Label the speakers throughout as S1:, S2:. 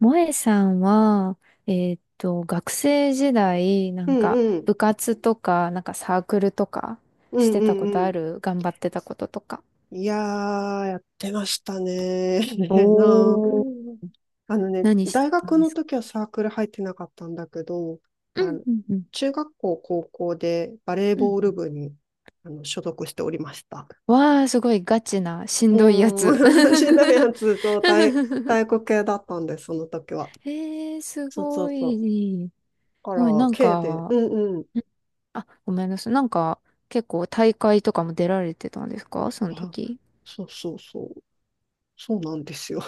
S1: 萌えさんは、学生時代、
S2: うんうん。
S1: 部活とか、なんかサークルとか、
S2: う
S1: し
S2: ん
S1: て
S2: う
S1: たこと
S2: ん
S1: あ
S2: う
S1: る頑張ってたこととか。
S2: ん。いやー、やってましたね。なあ。あのね、
S1: 何し
S2: 大
S1: てた
S2: 学
S1: んで
S2: の
S1: すか？
S2: 時はサークル入ってなかったんだけど、
S1: う
S2: あ
S1: ん、
S2: の、
S1: うん、うん。
S2: 中学校、高校でバレー
S1: うんう
S2: ボール
S1: ん。
S2: 部にあの所属しておりました。
S1: わあ、すごいガチな、しんどいや
S2: も
S1: つ。
S2: う、しんどいやつ、そう、体、体育系だったんです、その時は。
S1: えー、す
S2: そうそう
S1: ご
S2: そう。
S1: い。
S2: だか
S1: すごい、
S2: ら、
S1: なん
S2: K で、う
S1: か、
S2: んうん。
S1: ん、あ、ごめんなさい。なんか、結構大会とかも出られてたんですかその
S2: あ、
S1: 時？
S2: そうそうそう。そうなんですよ。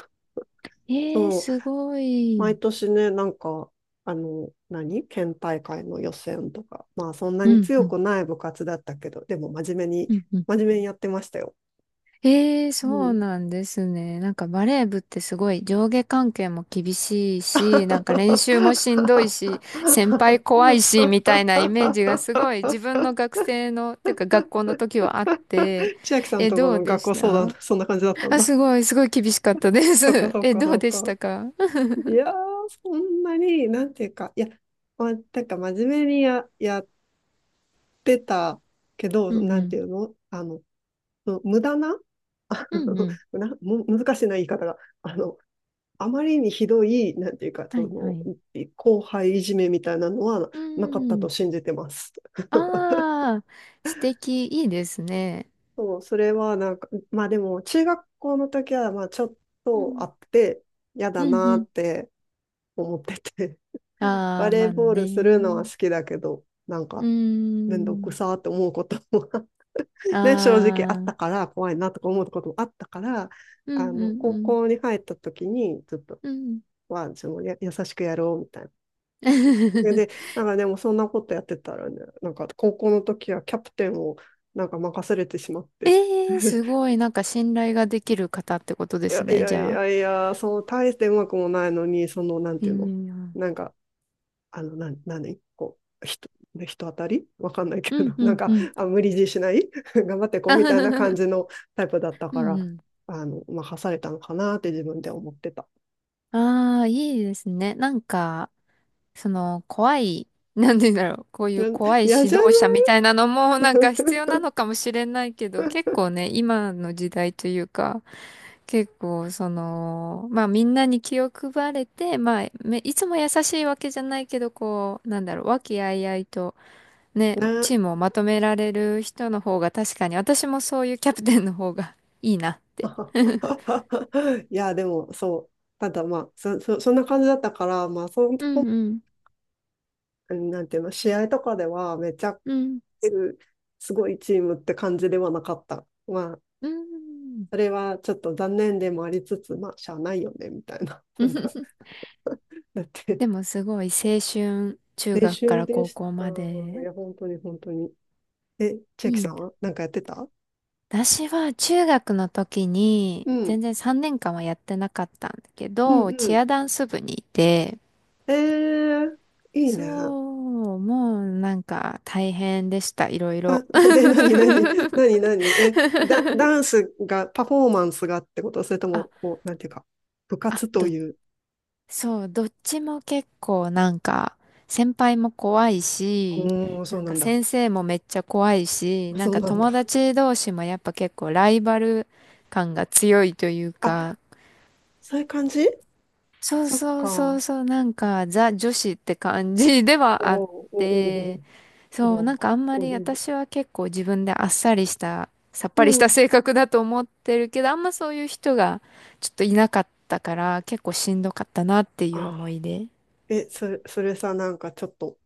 S1: えー、
S2: そう。
S1: すごい。
S2: 毎年ね、なんか、あの、何県大会の予選とか、まあそんな
S1: う
S2: に
S1: ん、う
S2: 強
S1: ん、
S2: くない部活だったけど、でも真面目に、
S1: うん、うん。
S2: 真面目にやってましたよ。
S1: ええ、
S2: う
S1: そう
S2: ん。
S1: なんですね。なんかバレー部ってすごい上下関係も厳しいし、なんか練習もしんどいし、先輩怖 いし、みたいなイメージがすごい自分の学生の、てか学校の時はあって、
S2: 千秋さん
S1: え、
S2: とこ
S1: どう
S2: の
S1: で
S2: 学
S1: し
S2: 校相談、
S1: た？
S2: そんな感じだったん
S1: あ、
S2: だ。
S1: すごい、すごい厳しかったで
S2: そっか
S1: す。
S2: そっ
S1: え、
S2: か
S1: どう
S2: そっ
S1: でし
S2: か。
S1: たか？
S2: いやー、そんなに、なんていうか、いや、ま、なんか真面目にやってたけ
S1: う
S2: ど、
S1: ん
S2: な
S1: う
S2: んて
S1: ん。
S2: いうのあの、無駄な
S1: うんうん。
S2: なむ難しいな言い方が。あの、あまりにひどい、なんていうか、
S1: は
S2: そ
S1: いは
S2: の、
S1: い。
S2: 後輩いじめみたいなのは
S1: う
S2: なかった
S1: ん。
S2: と信じてます。
S1: ああ、素敵、いいですね。
S2: そう、それはなんか、まあでも、中学校の時は、まあちょっ
S1: う
S2: とあ
S1: ん。
S2: って、嫌だ
S1: うん
S2: な
S1: う
S2: っ
S1: ん。
S2: て思ってて、
S1: あ
S2: バ
S1: あ、
S2: レ
S1: ま
S2: ー
S1: あ
S2: ボールするのは好
S1: ね。
S2: きだけど、なん
S1: う
S2: か、
S1: ー
S2: めんどく
S1: ん。
S2: さーって思うことも ね、正直あ
S1: あ
S2: ったか
S1: あ。
S2: ら、怖いなとか思うこともあったから、
S1: う
S2: あ
S1: んう
S2: の、高
S1: ん
S2: 校に入った時に、ちょっと、
S1: うん。うん。
S2: は、そのや、優しくやろうみたいで、なんかでもそんなことやってたらね、なんか高校の時はキャプテンをなんか任されてしまって、
S1: ええー、す ごい。なんか信頼ができる方ってことで
S2: い
S1: す
S2: やい
S1: ね、じ
S2: やい
S1: ゃあ。
S2: やいや、そう、大してうまくもないのに、その、なん
S1: い
S2: てい
S1: い
S2: うの
S1: な。
S2: なんか、あの、何こう、人、人当たりわかんないけ
S1: うん
S2: ど、
S1: う
S2: なん
S1: んう
S2: か、
S1: ん。
S2: あ、無理強いしない 頑張ってこうみたいな感 じのタイプだった
S1: う
S2: か
S1: ん
S2: ら、
S1: うん。
S2: あの、任されたのかなって自分で思ってた。
S1: ああ、いいですね。なんか、その、怖い、なんて言うんだろう、こうい
S2: い
S1: う
S2: や、
S1: 怖い
S2: 嫌じ
S1: 指
S2: ゃな
S1: 導者
S2: い
S1: みたいなのもなんか必要な のかもしれないけど、結構ね、今の時代というか、結構その、まあみんなに気を配れて、まあめいつも優しいわけじゃないけど、こう、なんだろう、和気あいあいとね、
S2: な
S1: チームをまとめられる人の方が確かに、私もそういうキャプテンの方がいいなって。
S2: いや、でも、そう。ただまあ、そんな感じだったから、まあ、その、
S1: うんうん。
S2: なんていうの、試合とかでは、めっちゃ、
S1: うん。
S2: すごいチームって感じではなかった。まあ、
S1: うん。
S2: それはちょっと残念でもありつつ、まあ、しゃあないよね、みたいな。なんか、だって、
S1: でもすごい青春、中
S2: 練
S1: 学か
S2: 習
S1: ら
S2: で
S1: 高
S2: し
S1: 校
S2: た。
S1: ま
S2: い
S1: で。
S2: や、本当に、本当に。え、千秋
S1: い
S2: さ
S1: い
S2: ん
S1: な。
S2: はなんかやってた
S1: 私は中学の時に、
S2: うん、
S1: 全然3年間はやってなかったんだけ
S2: うん、
S1: ど、
S2: う
S1: チ
S2: ん。
S1: アダンス部にいて、
S2: えー、いい
S1: そ
S2: ね。
S1: う、もうなんか大変でした、いろいろ。
S2: あ で、なになに、なになに、え、ダンスが、パフォーマンスがってことそれと
S1: あ、
S2: も、こう、なんていうか、部
S1: あ、
S2: 活と
S1: ど、
S2: いう。
S1: そう、どっちも結構なんか、先輩も怖い
S2: う
S1: し、
S2: ーん、そ
S1: な
S2: う
S1: ん
S2: な
S1: か
S2: んだ。
S1: 先生もめっちゃ怖いし、
S2: あ
S1: なん
S2: そう
S1: か
S2: なんだ。
S1: 友達同士もやっぱ結構ライバル感が強いというか、
S2: あ、そういう感じ
S1: そう
S2: そっ
S1: そうそう
S2: か。
S1: そう、なんかザ女子って感じで
S2: お
S1: は
S2: お
S1: あっ
S2: お
S1: て、
S2: おお
S1: そう、な
S2: お
S1: んかあんま
S2: おい
S1: り
S2: お
S1: 私は結構自分であっさりした、さっ
S2: う
S1: ぱりした
S2: ん。
S1: 性格だと思ってるけど、あんまそういう人がちょっといなかったから、結構しんどかったなっていう
S2: あ、
S1: 思い出。
S2: え、それ、それさ、なんかちょっと、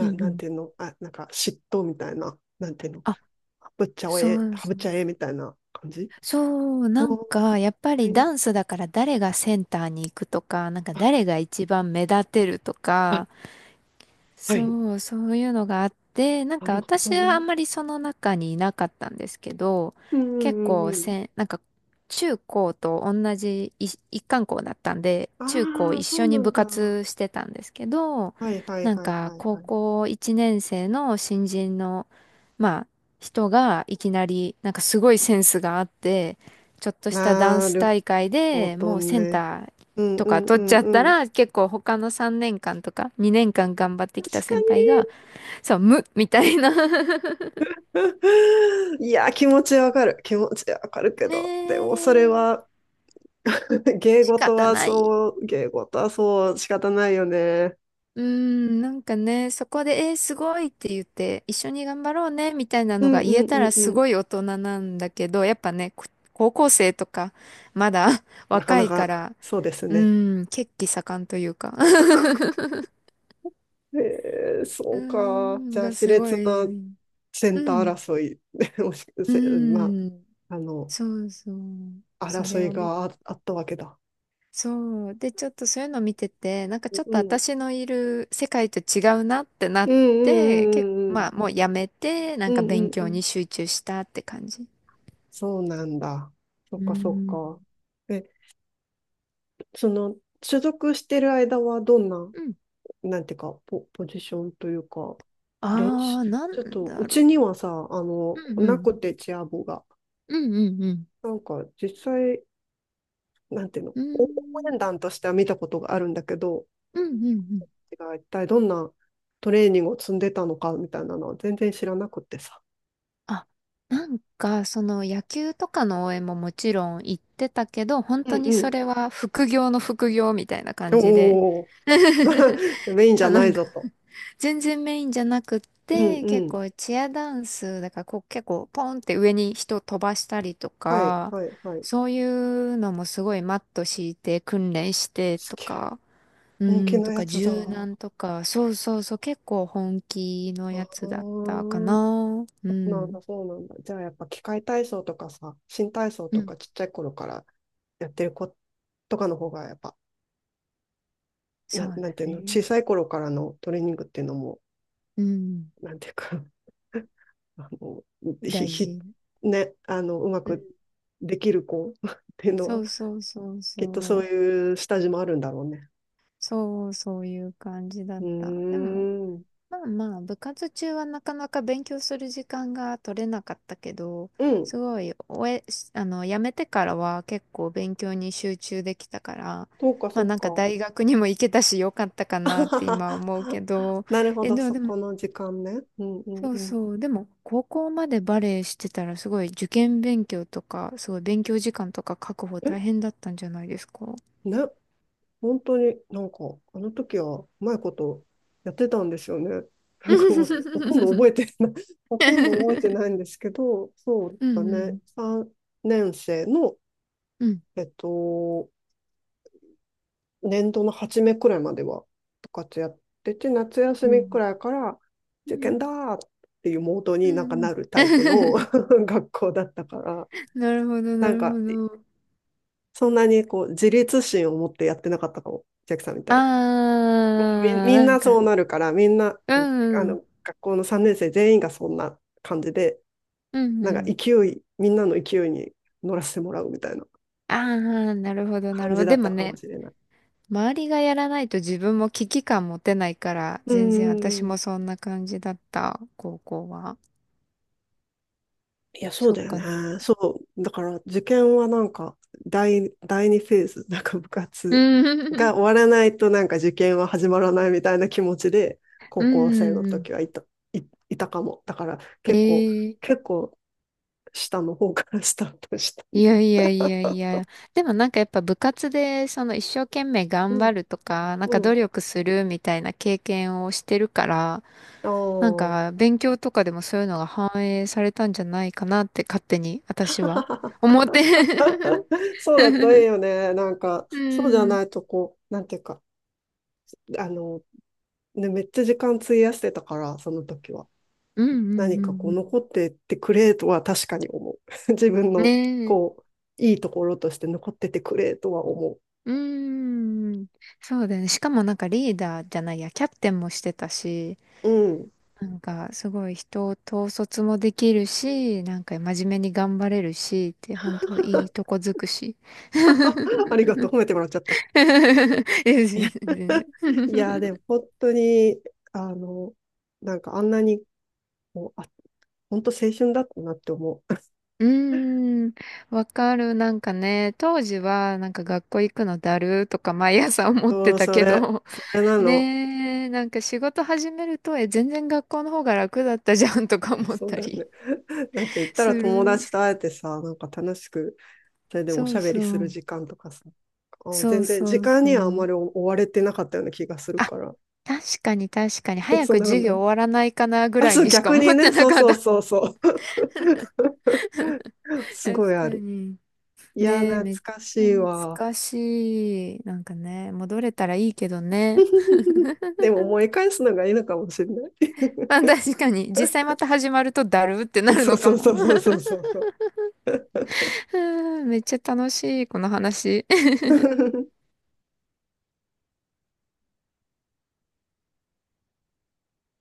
S1: うんう
S2: なん
S1: ん。
S2: ていうのあ、なんか嫉妬みたいな、なんていうの
S1: あ、
S2: ハブっちゃ
S1: そ
S2: え、
S1: う
S2: ハブっ
S1: そう。
S2: ちゃえみたいな感じ
S1: そう、
S2: あ、
S1: なん
S2: は
S1: か、やっぱり
S2: い。
S1: ダンスだから誰がセンターに行くとか、なんか
S2: あ、
S1: 誰が一番目立てると
S2: あ
S1: か、
S2: はい。
S1: そう、そういうのがあって、なん
S2: な
S1: か
S2: るほ
S1: 私
S2: ど
S1: はあ
S2: ね。
S1: んまりその中にいなかったんですけど、
S2: うんう
S1: 結
S2: んう
S1: 構
S2: んうん。
S1: せん、なんか中高と同じい一貫校だったんで、中高
S2: ああ、
S1: 一
S2: そ
S1: 緒
S2: うな
S1: に
S2: ん
S1: 部
S2: だ。は
S1: 活してたんですけど、
S2: いはいは
S1: なん
S2: い
S1: か
S2: はい
S1: 高
S2: はい。
S1: 校1年生の新人の、まあ人がいきなり、なんかすごいセンスがあって、ちょっとしたダン
S2: な
S1: ス
S2: る
S1: 大会
S2: ほ
S1: で
S2: ど
S1: もうセン
S2: ね。
S1: ター
S2: うん
S1: と
S2: う
S1: か
S2: んう
S1: 取っち
S2: ん
S1: ゃった
S2: うん。
S1: ら、結構他の3年間とか2年間頑張ってきた
S2: 確か
S1: 先
S2: に。
S1: 輩が、そう、無みたいな。
S2: いや、気持ちわかる。気持ちわかるけ
S1: ね
S2: ど。でもそれ
S1: え、
S2: は、芸
S1: 仕
S2: 事
S1: 方
S2: は
S1: ない。
S2: そう、芸事はそう、仕方ないよね。
S1: うーん、なんかね、そこで、えーすごいって言って、一緒に頑張ろうね、みたいな
S2: う
S1: の
S2: ん
S1: が
S2: う
S1: 言え
S2: んう
S1: たら
S2: んう
S1: す
S2: ん。
S1: ごい大人なんだけど、やっぱね、こ、高校生とか、まだ
S2: なか
S1: 若
S2: な
S1: いか
S2: か、
S1: ら、
S2: そうです
S1: う
S2: ね。
S1: ーん、血気盛んというか。
S2: えー、
S1: う
S2: そ
S1: ー
S2: うか。じ
S1: ん、
S2: ゃあ、
S1: が
S2: 熾
S1: すご
S2: 烈
S1: い、
S2: な
S1: うん、
S2: センター争い、もし
S1: う
S2: せまあ、
S1: ーん。
S2: あの、
S1: そうそう。そ
S2: 争
S1: れ
S2: い
S1: を見、
S2: がああったわけだ。
S1: そう。で、ちょっとそういうの見てて、なんか
S2: う
S1: ちょっと
S2: ん。
S1: 私のいる世界と違うなってな
S2: う
S1: っ
S2: んうんう
S1: て、結構、
S2: んうんうん。
S1: まあもうやめて、な
S2: う
S1: んか
S2: んう
S1: 勉
S2: んう
S1: 強
S2: ん。
S1: に集中したって感じ。
S2: そうなんだ。そっ
S1: う
S2: かそっ
S1: ん。
S2: か。え、その、所属してる間はどんな、
S1: うん。
S2: なんていうか、ポジションというか、練
S1: あ
S2: 習、
S1: あ、なん
S2: ちょっと、う
S1: だ
S2: ち
S1: ろ
S2: にはさ、あ
S1: う。
S2: の、
S1: うんう
S2: な
S1: ん。
S2: くてチア部が。
S1: うんうんうん。
S2: なんか、実際、なんていうの、
S1: うー
S2: 応援
S1: ん。
S2: 団としては見たことがあるんだけど、
S1: うんうんうん。
S2: が一体どんなトレーニングを積んでたのかみたいなのは全然知らなくってさ。
S1: あ、なんか、その野球とかの応援ももちろん行ってたけど、本
S2: う
S1: 当
S2: ん
S1: に
S2: う
S1: そ
S2: ん。
S1: れは副業の副業みたいな感じで。
S2: おお。メ インじゃ
S1: あ、
S2: な
S1: な
S2: い
S1: んか。
S2: ぞと。
S1: 全然メインじゃなくっ
S2: うん
S1: て、
S2: う
S1: 結
S2: ん。
S1: 構チアダンス、だからこう結構ポンって上に人飛ばしたりと
S2: はい、
S1: か、
S2: はい、はい。
S1: そういうのもすごいマット敷いて訓練して
S2: す
S1: と
S2: げえ。
S1: か、う
S2: 人気
S1: ん、
S2: の
S1: と
S2: や
S1: か
S2: つだ。
S1: 柔
S2: あ
S1: 軟とか、そうそうそう、結構本気の
S2: あ、
S1: やつだったか
S2: そ
S1: な。う
S2: うなん
S1: ん。
S2: だ、そうなんだ。じゃあやっぱ器械体操とかさ、新体操
S1: う
S2: と
S1: ん。
S2: かちっちゃい頃からやってる子とかの方がやっぱ、
S1: そ
S2: な、
S1: う
S2: なん
S1: だ
S2: ていうの、小
S1: ね。
S2: さい頃からのトレーニングっていうのも、
S1: うん。
S2: なんていうか あの、ひ、
S1: 大
S2: ひ、
S1: 事。
S2: ね、あの、うま
S1: うん。
S2: くできる子 っていうの
S1: そ
S2: は、
S1: うそうそう
S2: きっとそ
S1: そ
S2: う
S1: う。
S2: いう下地もあるんだろうね。
S1: そう、そういう感じだ
S2: う
S1: った。
S2: ー
S1: でも、
S2: ん。
S1: まあまあ、部活中はなかなか勉強する時間が取れなかったけど、
S2: うん。
S1: すごい、終え、しあの、辞めてからは結構勉強に集中できたから、
S2: そうか、そ
S1: まあ
S2: う
S1: なんか
S2: か。
S1: 大学にも行けたしよかったかなって今は思うけ ど、
S2: なるほ
S1: え、
S2: ど、
S1: でも
S2: そ
S1: でも、
S2: この時間ね。うんうん
S1: そう
S2: うん。
S1: そう、でも高校までバレエしてたらすごい受験勉強とか、すごい勉強時間とか確保
S2: え、
S1: 大変だったんじゃないですか？
S2: ね、本当になんか、あの時はうまいことやってたんですよね。なんかもう、ほとんど 覚えてない、ほとんど覚えてないんですけど、そう
S1: う
S2: だ
S1: んう
S2: ね、
S1: ん。
S2: 3年生の、
S1: うん。
S2: えっと、年度の初めくらいまでは部活やってて、夏休
S1: う
S2: みく
S1: ん。
S2: らいから
S1: う
S2: 受験
S1: ん。
S2: だーっていうモード
S1: う
S2: になんか
S1: ん。
S2: なるタイプの 学校だったから、
S1: なるほど、な
S2: なん
S1: るほ
S2: か、
S1: ど。
S2: そんなにこう、自立心を持ってやってなかったかも、ジャックさんみたいに。
S1: あ
S2: もうみ、
S1: ー、
S2: みん
S1: なん
S2: なそ
S1: か、
S2: うなるから、みんな、
S1: うん
S2: あ
S1: うん、
S2: の、学校の3年生全員がそんな感じで、
S1: うん
S2: なん
S1: う
S2: か
S1: ん。
S2: 勢い、みんなの勢いに乗らせてもらうみたいな
S1: あー、なるほど、な
S2: 感
S1: るほ
S2: じ
S1: ど。
S2: だ
S1: で
S2: っ
S1: も
S2: たかも
S1: ね、
S2: しれない。
S1: 周りがやらないと自分も危機感持てないから、
S2: うん
S1: 全然
S2: うん
S1: 私
S2: う
S1: も
S2: ん。
S1: そんな感じだった、高校は。
S2: いや、そう
S1: そっ
S2: だよ
S1: か。
S2: ね。そう。だから、受験はなんか、第二フェーズ、なんか部
S1: う
S2: 活が終
S1: ん、
S2: わらないと、なんか受験は始まらないみたいな気持ちで、高
S1: う
S2: 校生の
S1: ん、う
S2: 時
S1: ん。
S2: はいた、い、いたかも。だから、結構、
S1: ええ、
S2: 結構、下の方から スタートした。
S1: いやいやいやいや。でもなんかやっぱ部活で、その一生懸命
S2: う
S1: 頑張
S2: ん、
S1: るとか、なん
S2: う
S1: か努
S2: ん。
S1: 力するみたいな経験をしてるから、
S2: あ
S1: なん
S2: あ。
S1: か、勉強とかでもそういうのが反映されたんじゃないかなって勝手に私は思って。
S2: そ うだといい
S1: う
S2: よね。なんか、そうじゃ
S1: ん。
S2: ないと、こう、なんていうか、あの、ね、めっちゃ時間費やしてたから、その時は。
S1: うんうん
S2: 何かこ
S1: う
S2: う
S1: ん
S2: 残ってってくれとは確かに思う。自分
S1: うん。ね
S2: の
S1: え。
S2: こう、いいところとして残っててくれとは思
S1: うん。そうだよね。しかもなんかリーダーじゃないや、キャプテンもしてたし、
S2: う。うん。
S1: なんかすごい人を統率もできるし、なんか真面目に頑張れるし、って本当いいとこづくし。
S2: あ、あり がとう。褒めてもらっちゃった。
S1: いや
S2: いや、
S1: 全然全
S2: いやで
S1: 然。
S2: も本当に、あの、なんかあんなに、もう、あ、本当青春だったなって思う。
S1: うーん、わかる。なんかね、当時はなんか学校行くのだるとか毎朝 思っ
S2: そ
S1: て
S2: う、
S1: た
S2: そ
S1: け
S2: れ、
S1: ど、
S2: それなの。
S1: ねえ、なんか仕事始めると、え、全然学校の方が楽だったじゃんとか 思っ
S2: そう
S1: た
S2: だよ
S1: り
S2: ね。だって言っ た
S1: す
S2: ら友
S1: る。
S2: 達と会えてさ、なんか楽しく、それでもお
S1: そ
S2: しゃ
S1: う
S2: べ
S1: そ
S2: りする
S1: う。
S2: 時間とかさ、あ
S1: そう
S2: 全然
S1: そ
S2: 時
S1: う
S2: 間
S1: そ
S2: にはあんま
S1: う。
S2: り追われてなかったような気がする
S1: あ、
S2: から、
S1: 確かに確かに。早
S2: そん
S1: く
S2: なこと
S1: 授
S2: ない。
S1: 業終わらないかなぐ
S2: あ、
S1: らい
S2: そう、
S1: にしか
S2: 逆
S1: 思
S2: に
S1: って
S2: ね。
S1: な
S2: そう
S1: かっ
S2: そう
S1: た。
S2: そうそう。すごい
S1: 確か
S2: ある。
S1: に。
S2: いや、
S1: ねえ、
S2: 懐
S1: めっち
S2: か
S1: ゃ
S2: しい
S1: 懐
S2: わ。
S1: かしい。なんかね、戻れたらいいけどね。
S2: でも思い返すのがいいのかもしれない。
S1: まあ確かに、実際また始まるとだるってな る
S2: そう
S1: のか
S2: そう
S1: も。
S2: そうそうそう そうそう。
S1: うんめっちゃ楽しい、この話。